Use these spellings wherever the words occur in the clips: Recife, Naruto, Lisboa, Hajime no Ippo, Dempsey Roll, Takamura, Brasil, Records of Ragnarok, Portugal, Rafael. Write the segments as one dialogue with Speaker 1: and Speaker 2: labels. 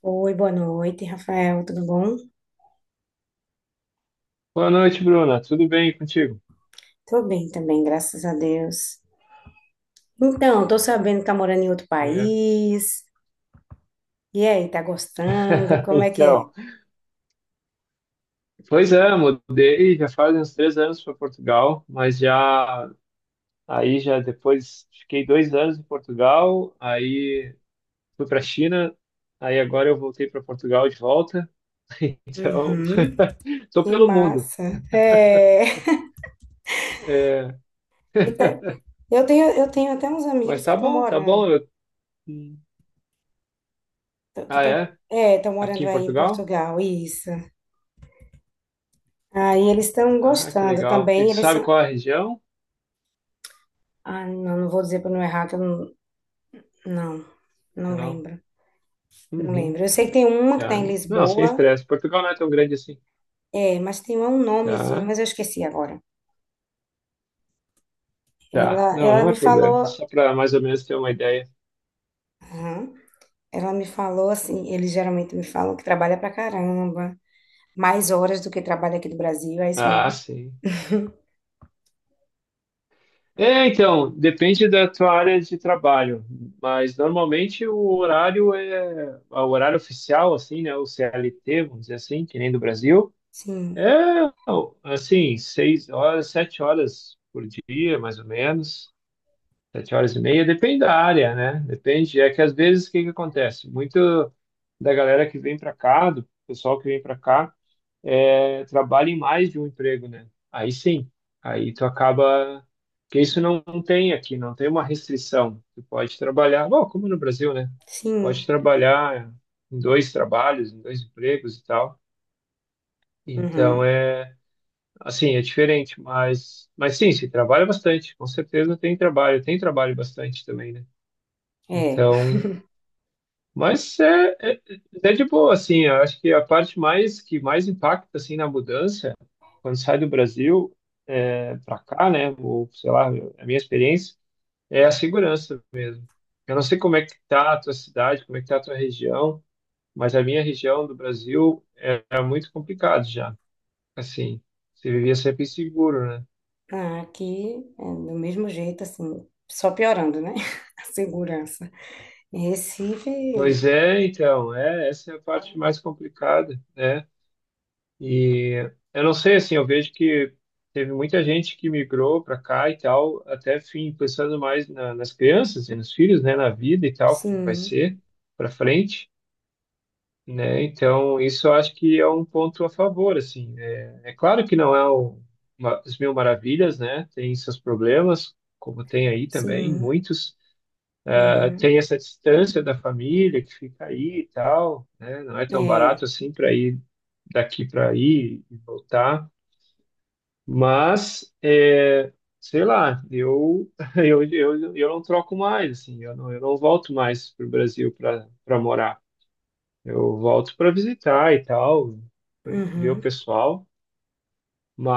Speaker 1: Oi, boa noite, Rafael, tudo bom?
Speaker 2: Boa noite, Bruna. Tudo bem contigo?
Speaker 1: Tô bem também, graças a Deus. Então, tô sabendo que tá morando em outro
Speaker 2: É.
Speaker 1: país. E aí, tá gostando? Como é que é?
Speaker 2: Então, pois é, mudei já faz uns 3 anos para Portugal, mas já aí já depois fiquei 2 anos em Portugal, aí fui para a China, aí agora eu voltei para Portugal de volta. Então,
Speaker 1: Uhum,
Speaker 2: tô
Speaker 1: que
Speaker 2: pelo mundo.
Speaker 1: massa. É.
Speaker 2: É,
Speaker 1: e tá- eu tenho até uns
Speaker 2: mas
Speaker 1: amigos que
Speaker 2: tá
Speaker 1: estão
Speaker 2: bom, tá
Speaker 1: morando,
Speaker 2: bom.
Speaker 1: que
Speaker 2: Ah,
Speaker 1: estão,
Speaker 2: é?
Speaker 1: é, estão
Speaker 2: Aqui
Speaker 1: morando
Speaker 2: em
Speaker 1: aí em
Speaker 2: Portugal?
Speaker 1: Portugal, isso. Aí eles estão
Speaker 2: Ah, que
Speaker 1: gostando
Speaker 2: legal. E
Speaker 1: também,
Speaker 2: tu
Speaker 1: eles
Speaker 2: sabe
Speaker 1: são,
Speaker 2: qual é a região?
Speaker 1: ah, não vou dizer para não errar, que eu não, não
Speaker 2: Não.
Speaker 1: lembro, não
Speaker 2: Uhum.
Speaker 1: lembro. Eu sei que tem uma que
Speaker 2: Tá.
Speaker 1: está em
Speaker 2: Não, sem
Speaker 1: Lisboa.
Speaker 2: estresse. Portugal não é tão grande assim.
Speaker 1: É, mas tem um nomezinho,
Speaker 2: Tá,
Speaker 1: mas eu esqueci agora.
Speaker 2: tá.
Speaker 1: Ela,
Speaker 2: Não,
Speaker 1: ela
Speaker 2: não é
Speaker 1: me
Speaker 2: problema.
Speaker 1: falou,
Speaker 2: Só para mais ou menos ter uma ideia.
Speaker 1: aham, ela me falou assim, eles geralmente me falam que trabalha pra caramba, mais horas do que trabalha aqui do Brasil, é isso
Speaker 2: Ah,
Speaker 1: mesmo?
Speaker 2: sim. É, então, depende da tua área de trabalho, mas normalmente o horário é o horário oficial, assim, né? O CLT, vamos dizer assim, que nem do Brasil.
Speaker 1: Sim,
Speaker 2: É, assim, 6 horas, 7 horas por dia, mais ou menos, 7 horas e meia, depende da área, né? Depende. É que às vezes o que que acontece? Muito da galera que vem para cá, do pessoal que vem para cá é, trabalha em mais de um emprego, né? Aí sim, aí tu acaba. Porque isso não tem aqui, não tem uma restrição. Tu pode trabalhar, bom, como no Brasil, né?
Speaker 1: sim,
Speaker 2: Pode trabalhar em dois trabalhos, em dois empregos e tal. Então
Speaker 1: uhum,
Speaker 2: é assim, é diferente, mas sim, se trabalha bastante, com certeza tem trabalho bastante também, né?
Speaker 1: é.
Speaker 2: Então, mas é de boa, assim, eu acho que a parte mais que mais impacta, assim, na mudança, quando sai do Brasil é, para cá, né, ou sei lá, a minha experiência, é a segurança. Eu não sei como é que tá a tua cidade, como é que tá a tua região, mas a minha região do Brasil é muito complicado já, assim, você vivia sempre inseguro, né?
Speaker 1: Ah, aqui é do mesmo jeito, assim, só piorando, né? A segurança. Em Recife,
Speaker 2: Pois é, então, é, essa é a parte mais complicada, né? E eu não sei, assim, eu vejo que teve muita gente que migrou para cá e tal, até fim pensando mais nas crianças e nos filhos, né, na vida e tal, como vai
Speaker 1: sim,
Speaker 2: ser para frente, né? Então, isso eu acho que é um ponto a favor, assim. É, é claro que não é as mil maravilhas, né? Tem seus problemas, como tem aí também,
Speaker 1: sim,
Speaker 2: muitos. Ah,
Speaker 1: uhum,
Speaker 2: tem essa distância da família que fica aí e tal, né? Não é tão
Speaker 1: é,
Speaker 2: barato assim para ir daqui para aí e voltar. Mas, é, sei lá, eu, eu não troco mais, assim, eu não volto mais para o Brasil para morar. Eu volto para visitar e tal, ver o
Speaker 1: uhum,
Speaker 2: pessoal,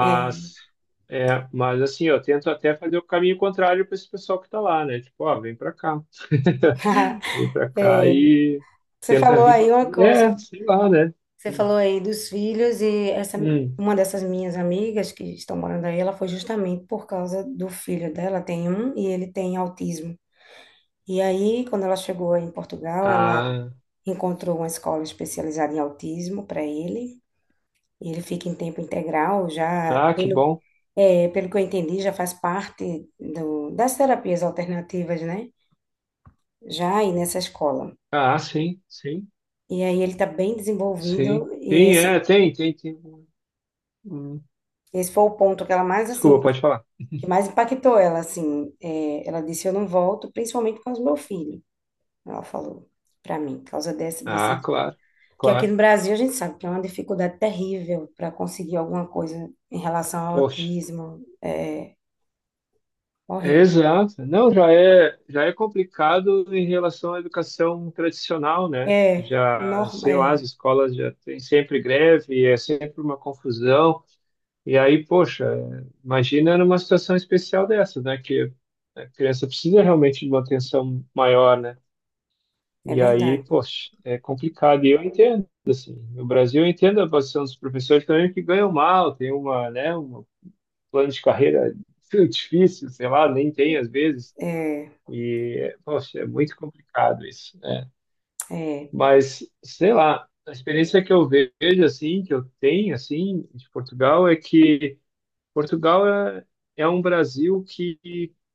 Speaker 1: é.
Speaker 2: é, mas assim, eu tento até fazer o caminho contrário para esse pessoal que está lá, né? Tipo, ó, vem para cá, vem para cá
Speaker 1: É.
Speaker 2: e
Speaker 1: Você
Speaker 2: tenta a
Speaker 1: falou aí
Speaker 2: vida.
Speaker 1: uma coisa,
Speaker 2: É, sei lá, né?
Speaker 1: você falou aí dos filhos e essa
Speaker 2: Hum.
Speaker 1: uma dessas minhas amigas que estão morando aí, ela foi justamente por causa do filho dela, tem um e ele tem autismo. E aí, quando ela chegou em Portugal, ela
Speaker 2: Ah,
Speaker 1: encontrou uma escola especializada em autismo para ele. E ele fica em tempo integral, já
Speaker 2: ah, que
Speaker 1: pelo
Speaker 2: bom.
Speaker 1: é, pelo que eu entendi, já faz parte do, das terapias alternativas, né? Já aí nessa escola.
Speaker 2: Ah, sim, sim.
Speaker 1: E aí ele está bem
Speaker 2: Sim,
Speaker 1: desenvolvido e
Speaker 2: sim
Speaker 1: esse
Speaker 2: é, tem, tem, tem. Hum,
Speaker 1: esse foi o ponto que ela mais
Speaker 2: Desculpa,
Speaker 1: assim
Speaker 2: pode falar.
Speaker 1: que mais impactou ela, assim, é, ela disse, eu não volto, principalmente por causa do meu filho, ela falou para mim, por causa desse,
Speaker 2: Ah,
Speaker 1: desse,
Speaker 2: claro,
Speaker 1: que aqui
Speaker 2: claro.
Speaker 1: no Brasil a gente sabe que é uma dificuldade terrível para conseguir alguma coisa em relação ao
Speaker 2: Poxa.
Speaker 1: autismo, é
Speaker 2: É,
Speaker 1: horrível.
Speaker 2: exato. Não, já é complicado em relação à educação tradicional, né?
Speaker 1: É,
Speaker 2: Já,
Speaker 1: norma,
Speaker 2: sei lá, as
Speaker 1: é,
Speaker 2: escolas já têm sempre greve, é sempre uma confusão. E aí, poxa, imagina numa situação especial dessa, né? Que a criança precisa realmente de uma atenção maior, né?
Speaker 1: é
Speaker 2: E aí,
Speaker 1: verdade.
Speaker 2: poxa, é complicado. E eu entendo, assim, no Brasil eu entendo a posição dos professores também que ganham mal, tem um plano de carreira difícil, sei lá, nem tem às vezes.
Speaker 1: É,
Speaker 2: E, poxa, é muito complicado isso, né?
Speaker 1: é,
Speaker 2: Mas, sei lá, a experiência que eu vejo, assim, que eu tenho, assim, de Portugal é que Portugal é um Brasil que,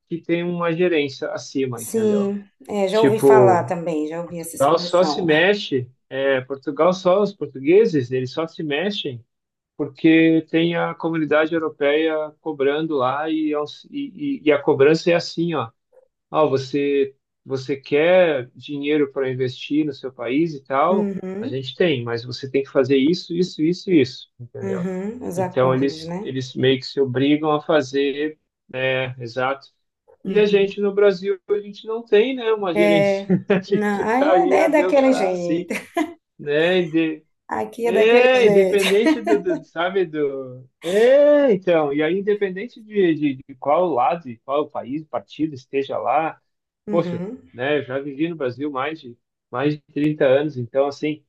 Speaker 2: que tem uma gerência acima, entendeu?
Speaker 1: sim, é, já ouvi falar
Speaker 2: Tipo,
Speaker 1: também, já ouvi essa
Speaker 2: Portugal só se
Speaker 1: expressão.
Speaker 2: mexe, é, Portugal só, os portugueses, eles só se mexem porque tem a comunidade europeia cobrando lá e, e, e a cobrança é assim, ó, ah, você quer dinheiro para investir no seu país e tal, a
Speaker 1: Uhum,
Speaker 2: gente tem, mas você tem que fazer isso, isso, isso, isso, entendeu?
Speaker 1: uhum, os
Speaker 2: Então
Speaker 1: acordos, né?
Speaker 2: eles meio que se obrigam a fazer, é, exato. E a
Speaker 1: Uhum.
Speaker 2: gente no Brasil, a gente não tem, né, uma gerência.
Speaker 1: É,
Speaker 2: A
Speaker 1: não,
Speaker 2: gente tá
Speaker 1: ah,
Speaker 2: aí,
Speaker 1: é,
Speaker 2: a
Speaker 1: é
Speaker 2: Deus
Speaker 1: daquele
Speaker 2: dará, assim,
Speaker 1: jeito.
Speaker 2: né?
Speaker 1: Aqui é daquele
Speaker 2: É,
Speaker 1: jeito.
Speaker 2: independente do, sabe, do... É, então, e aí independente de qual lado, de qual país, partido esteja lá, poxa,
Speaker 1: Uhum.
Speaker 2: né, eu já vivi no Brasil mais de 30 anos, então assim,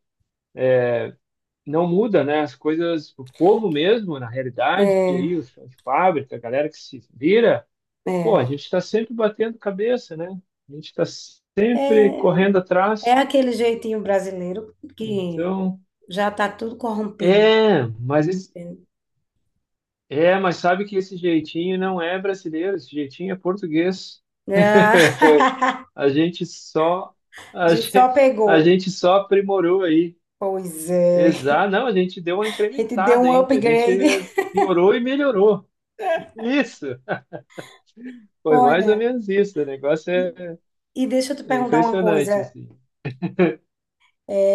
Speaker 2: não muda, né, as coisas, o povo mesmo, na realidade,
Speaker 1: É,
Speaker 2: aí os chão de fábrica, a galera que se vira, pô, a
Speaker 1: é.
Speaker 2: gente está sempre batendo cabeça, né? A gente está sempre
Speaker 1: É,
Speaker 2: correndo
Speaker 1: é
Speaker 2: atrás.
Speaker 1: aquele jeitinho brasileiro que
Speaker 2: Então,
Speaker 1: já tá tudo corrompido.
Speaker 2: é,
Speaker 1: Entende?
Speaker 2: mas sabe que esse jeitinho não é brasileiro, esse jeitinho é português.
Speaker 1: Ah,
Speaker 2: A gente só
Speaker 1: a
Speaker 2: a
Speaker 1: gente só
Speaker 2: gente, a
Speaker 1: pegou.
Speaker 2: gente só aprimorou aí.
Speaker 1: Pois é.
Speaker 2: Exato, não, a gente deu uma
Speaker 1: A gente deu
Speaker 2: incrementada
Speaker 1: um
Speaker 2: ainda, a gente
Speaker 1: upgrade.
Speaker 2: piorou e melhorou. Isso, foi mais ou
Speaker 1: Olha,
Speaker 2: menos isso, o negócio
Speaker 1: e
Speaker 2: é,
Speaker 1: e deixa eu te
Speaker 2: é
Speaker 1: perguntar uma coisa.
Speaker 2: impressionante, assim.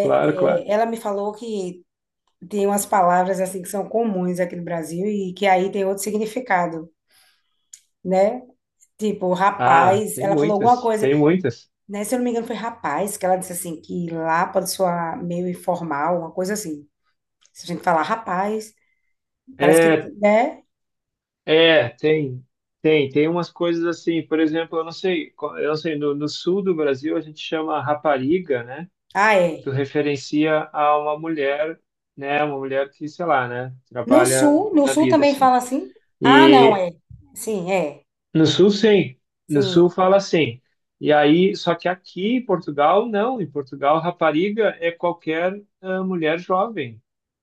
Speaker 2: Claro, claro.
Speaker 1: Ela me falou que tem umas palavras assim que são comuns aqui no Brasil e que aí tem outro significado, né? Tipo,
Speaker 2: Ah,
Speaker 1: rapaz,
Speaker 2: tem
Speaker 1: ela falou alguma
Speaker 2: muitas,
Speaker 1: coisa.
Speaker 2: tem muitas.
Speaker 1: Né? Se eu não me engano, foi rapaz que ela disse assim, que lá pode soar meio informal, uma coisa assim. Se a gente falar rapaz, parece que,
Speaker 2: É,
Speaker 1: né?
Speaker 2: é, tem umas coisas assim, por exemplo, eu não sei, no sul do Brasil a gente chama rapariga, né?
Speaker 1: Ah,
Speaker 2: Tu
Speaker 1: é.
Speaker 2: referencia a uma mulher, né? Uma mulher que, sei lá, né?
Speaker 1: No
Speaker 2: Trabalha
Speaker 1: sul, no
Speaker 2: na
Speaker 1: sul
Speaker 2: vida,
Speaker 1: também
Speaker 2: assim.
Speaker 1: fala assim? Ah, não,
Speaker 2: E
Speaker 1: é. Sim, é.
Speaker 2: no sul, sim. No
Speaker 1: Sim.
Speaker 2: sul fala assim. E aí, só que aqui em Portugal, não. Em Portugal, rapariga é qualquer mulher jovem.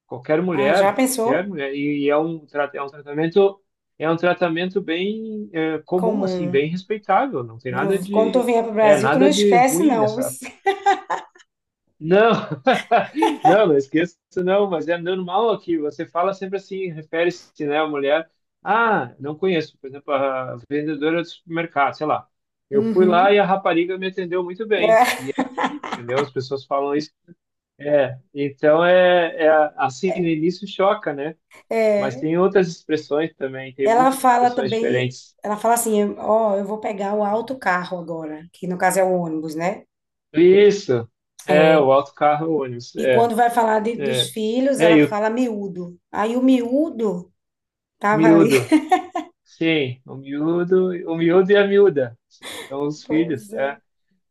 Speaker 2: Qualquer
Speaker 1: Ah, já
Speaker 2: mulher, qualquer
Speaker 1: pensou?
Speaker 2: mulher. E, é um tratamento bem comum, assim,
Speaker 1: Comum.
Speaker 2: bem respeitável. Não tem nada
Speaker 1: Não- quando tu
Speaker 2: de,
Speaker 1: vier pro
Speaker 2: é,
Speaker 1: Brasil, tu não
Speaker 2: nada de
Speaker 1: esquece,
Speaker 2: ruim
Speaker 1: não.
Speaker 2: nessa não, não, não esqueça, não, mas é normal aqui. Você fala sempre assim, refere-se, né, à mulher. Ah, não conheço, por exemplo, a vendedora do supermercado, sei lá. Eu fui lá e
Speaker 1: Uhum.
Speaker 2: a rapariga me atendeu muito bem.
Speaker 1: É,
Speaker 2: E é assim, entendeu? As pessoas falam isso. É, então é assim, no início choca, né? Mas
Speaker 1: é.
Speaker 2: tem outras expressões também, tem
Speaker 1: Ela
Speaker 2: muitas
Speaker 1: fala
Speaker 2: expressões
Speaker 1: também,
Speaker 2: diferentes.
Speaker 1: ela fala assim, ó, eu vou pegar o autocarro agora, que no caso é o ônibus, né?
Speaker 2: Isso, é,
Speaker 1: É.
Speaker 2: o autocarro, o ônibus,
Speaker 1: E quando vai falar dos
Speaker 2: é,
Speaker 1: filhos,
Speaker 2: é,
Speaker 1: ela
Speaker 2: e o
Speaker 1: fala miúdo. Aí o miúdo tava ali.
Speaker 2: miúdo. Sim, o miúdo e a miúda são os filhos,
Speaker 1: Pois
Speaker 2: é.
Speaker 1: é.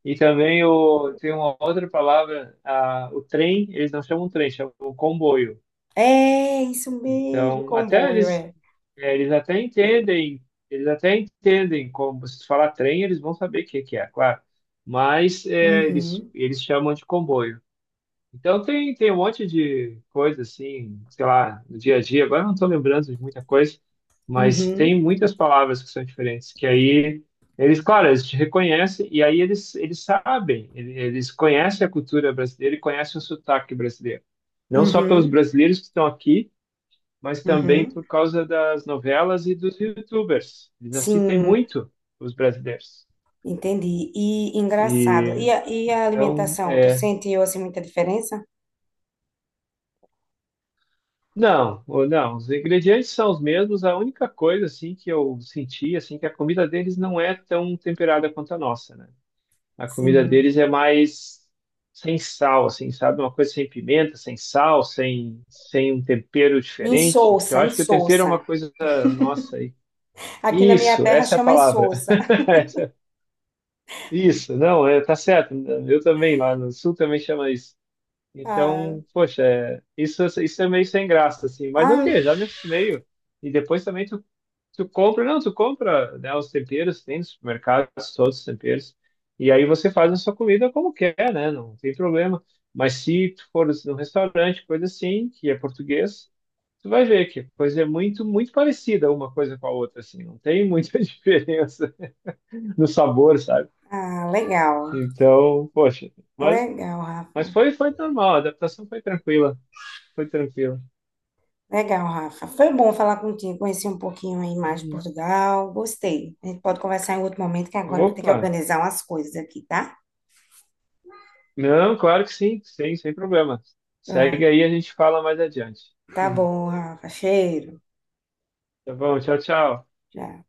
Speaker 2: E também tem uma outra palavra, o trem, eles não chamam trem, chamam comboio.
Speaker 1: É, isso mesmo,
Speaker 2: Então, até
Speaker 1: comboio,
Speaker 2: eles,
Speaker 1: é.
Speaker 2: é, eles até entendem como você falar trem, eles vão saber o que que é, claro. Mas é,
Speaker 1: Uhum,
Speaker 2: eles chamam de comboio. Então tem um monte de coisa assim, sei lá, no dia a dia. Agora eu não estou lembrando de muita coisa, mas
Speaker 1: uhum,
Speaker 2: tem muitas palavras que são diferentes, que aí eles, claro, eles te reconhecem e aí eles, sabem, eles conhecem a cultura brasileira e conhecem o sotaque brasileiro. Não só pelos
Speaker 1: uhum,
Speaker 2: brasileiros que estão aqui, mas também
Speaker 1: uhum.
Speaker 2: por causa das novelas e dos YouTubers. Eles assistem
Speaker 1: Sim,
Speaker 2: muito os brasileiros.
Speaker 1: entendi. E engraçado. E
Speaker 2: E
Speaker 1: a
Speaker 2: então,
Speaker 1: alimentação? Tu
Speaker 2: é,
Speaker 1: sentiu assim muita diferença?
Speaker 2: não, não, os ingredientes são os mesmos. A única coisa assim que eu senti assim que a comida deles não é tão temperada quanto a nossa, né? A comida
Speaker 1: Sim.
Speaker 2: deles é mais sem sal, assim, sabe? Uma coisa sem pimenta, sem sal, sem um tempero diferente.
Speaker 1: Insossa,
Speaker 2: Eu acho que o tempero é uma
Speaker 1: insossa.
Speaker 2: coisa nossa aí.
Speaker 1: Aqui na minha
Speaker 2: Isso,
Speaker 1: terra
Speaker 2: essa é a
Speaker 1: chama
Speaker 2: palavra.
Speaker 1: insossa.
Speaker 2: Essa- Isso, não, é, tá certo. Eu também lá no sul também chama isso.
Speaker 1: Ah,
Speaker 2: Então, poxa, é, isso é meio sem graça, assim. Mas
Speaker 1: ah,
Speaker 2: ok, já me acostumei. E depois também tu, tu compra, não, tu compra, né, os temperos, tem no supermercado todos os temperos. E aí você faz a sua comida como quer, né? Não tem problema. Mas se tu for num restaurante, coisa assim, que é português, tu vai ver que a coisa é muito, muito parecida uma coisa com a outra, assim. Não tem muita diferença no sabor, sabe?
Speaker 1: ah, legal.
Speaker 2: Então, poxa, mas,
Speaker 1: Legal, Rafa.
Speaker 2: foi normal, a adaptação foi tranquila, foi tranquila.
Speaker 1: Legal, Rafa. Foi bom falar contigo, conhecer um pouquinho aí mais de
Speaker 2: Uhum.
Speaker 1: Portugal. Gostei. A gente pode conversar em outro momento, que agora eu vou ter que
Speaker 2: Opa!
Speaker 1: organizar umas coisas aqui, tá?
Speaker 2: Não, claro que sim, sim, sem problema. Segue
Speaker 1: Pronto.
Speaker 2: aí, a gente fala mais adiante.
Speaker 1: Tá
Speaker 2: Uhum.
Speaker 1: bom, Rafa. Cheiro.
Speaker 2: Tá bom, tchau, tchau.
Speaker 1: Tchau.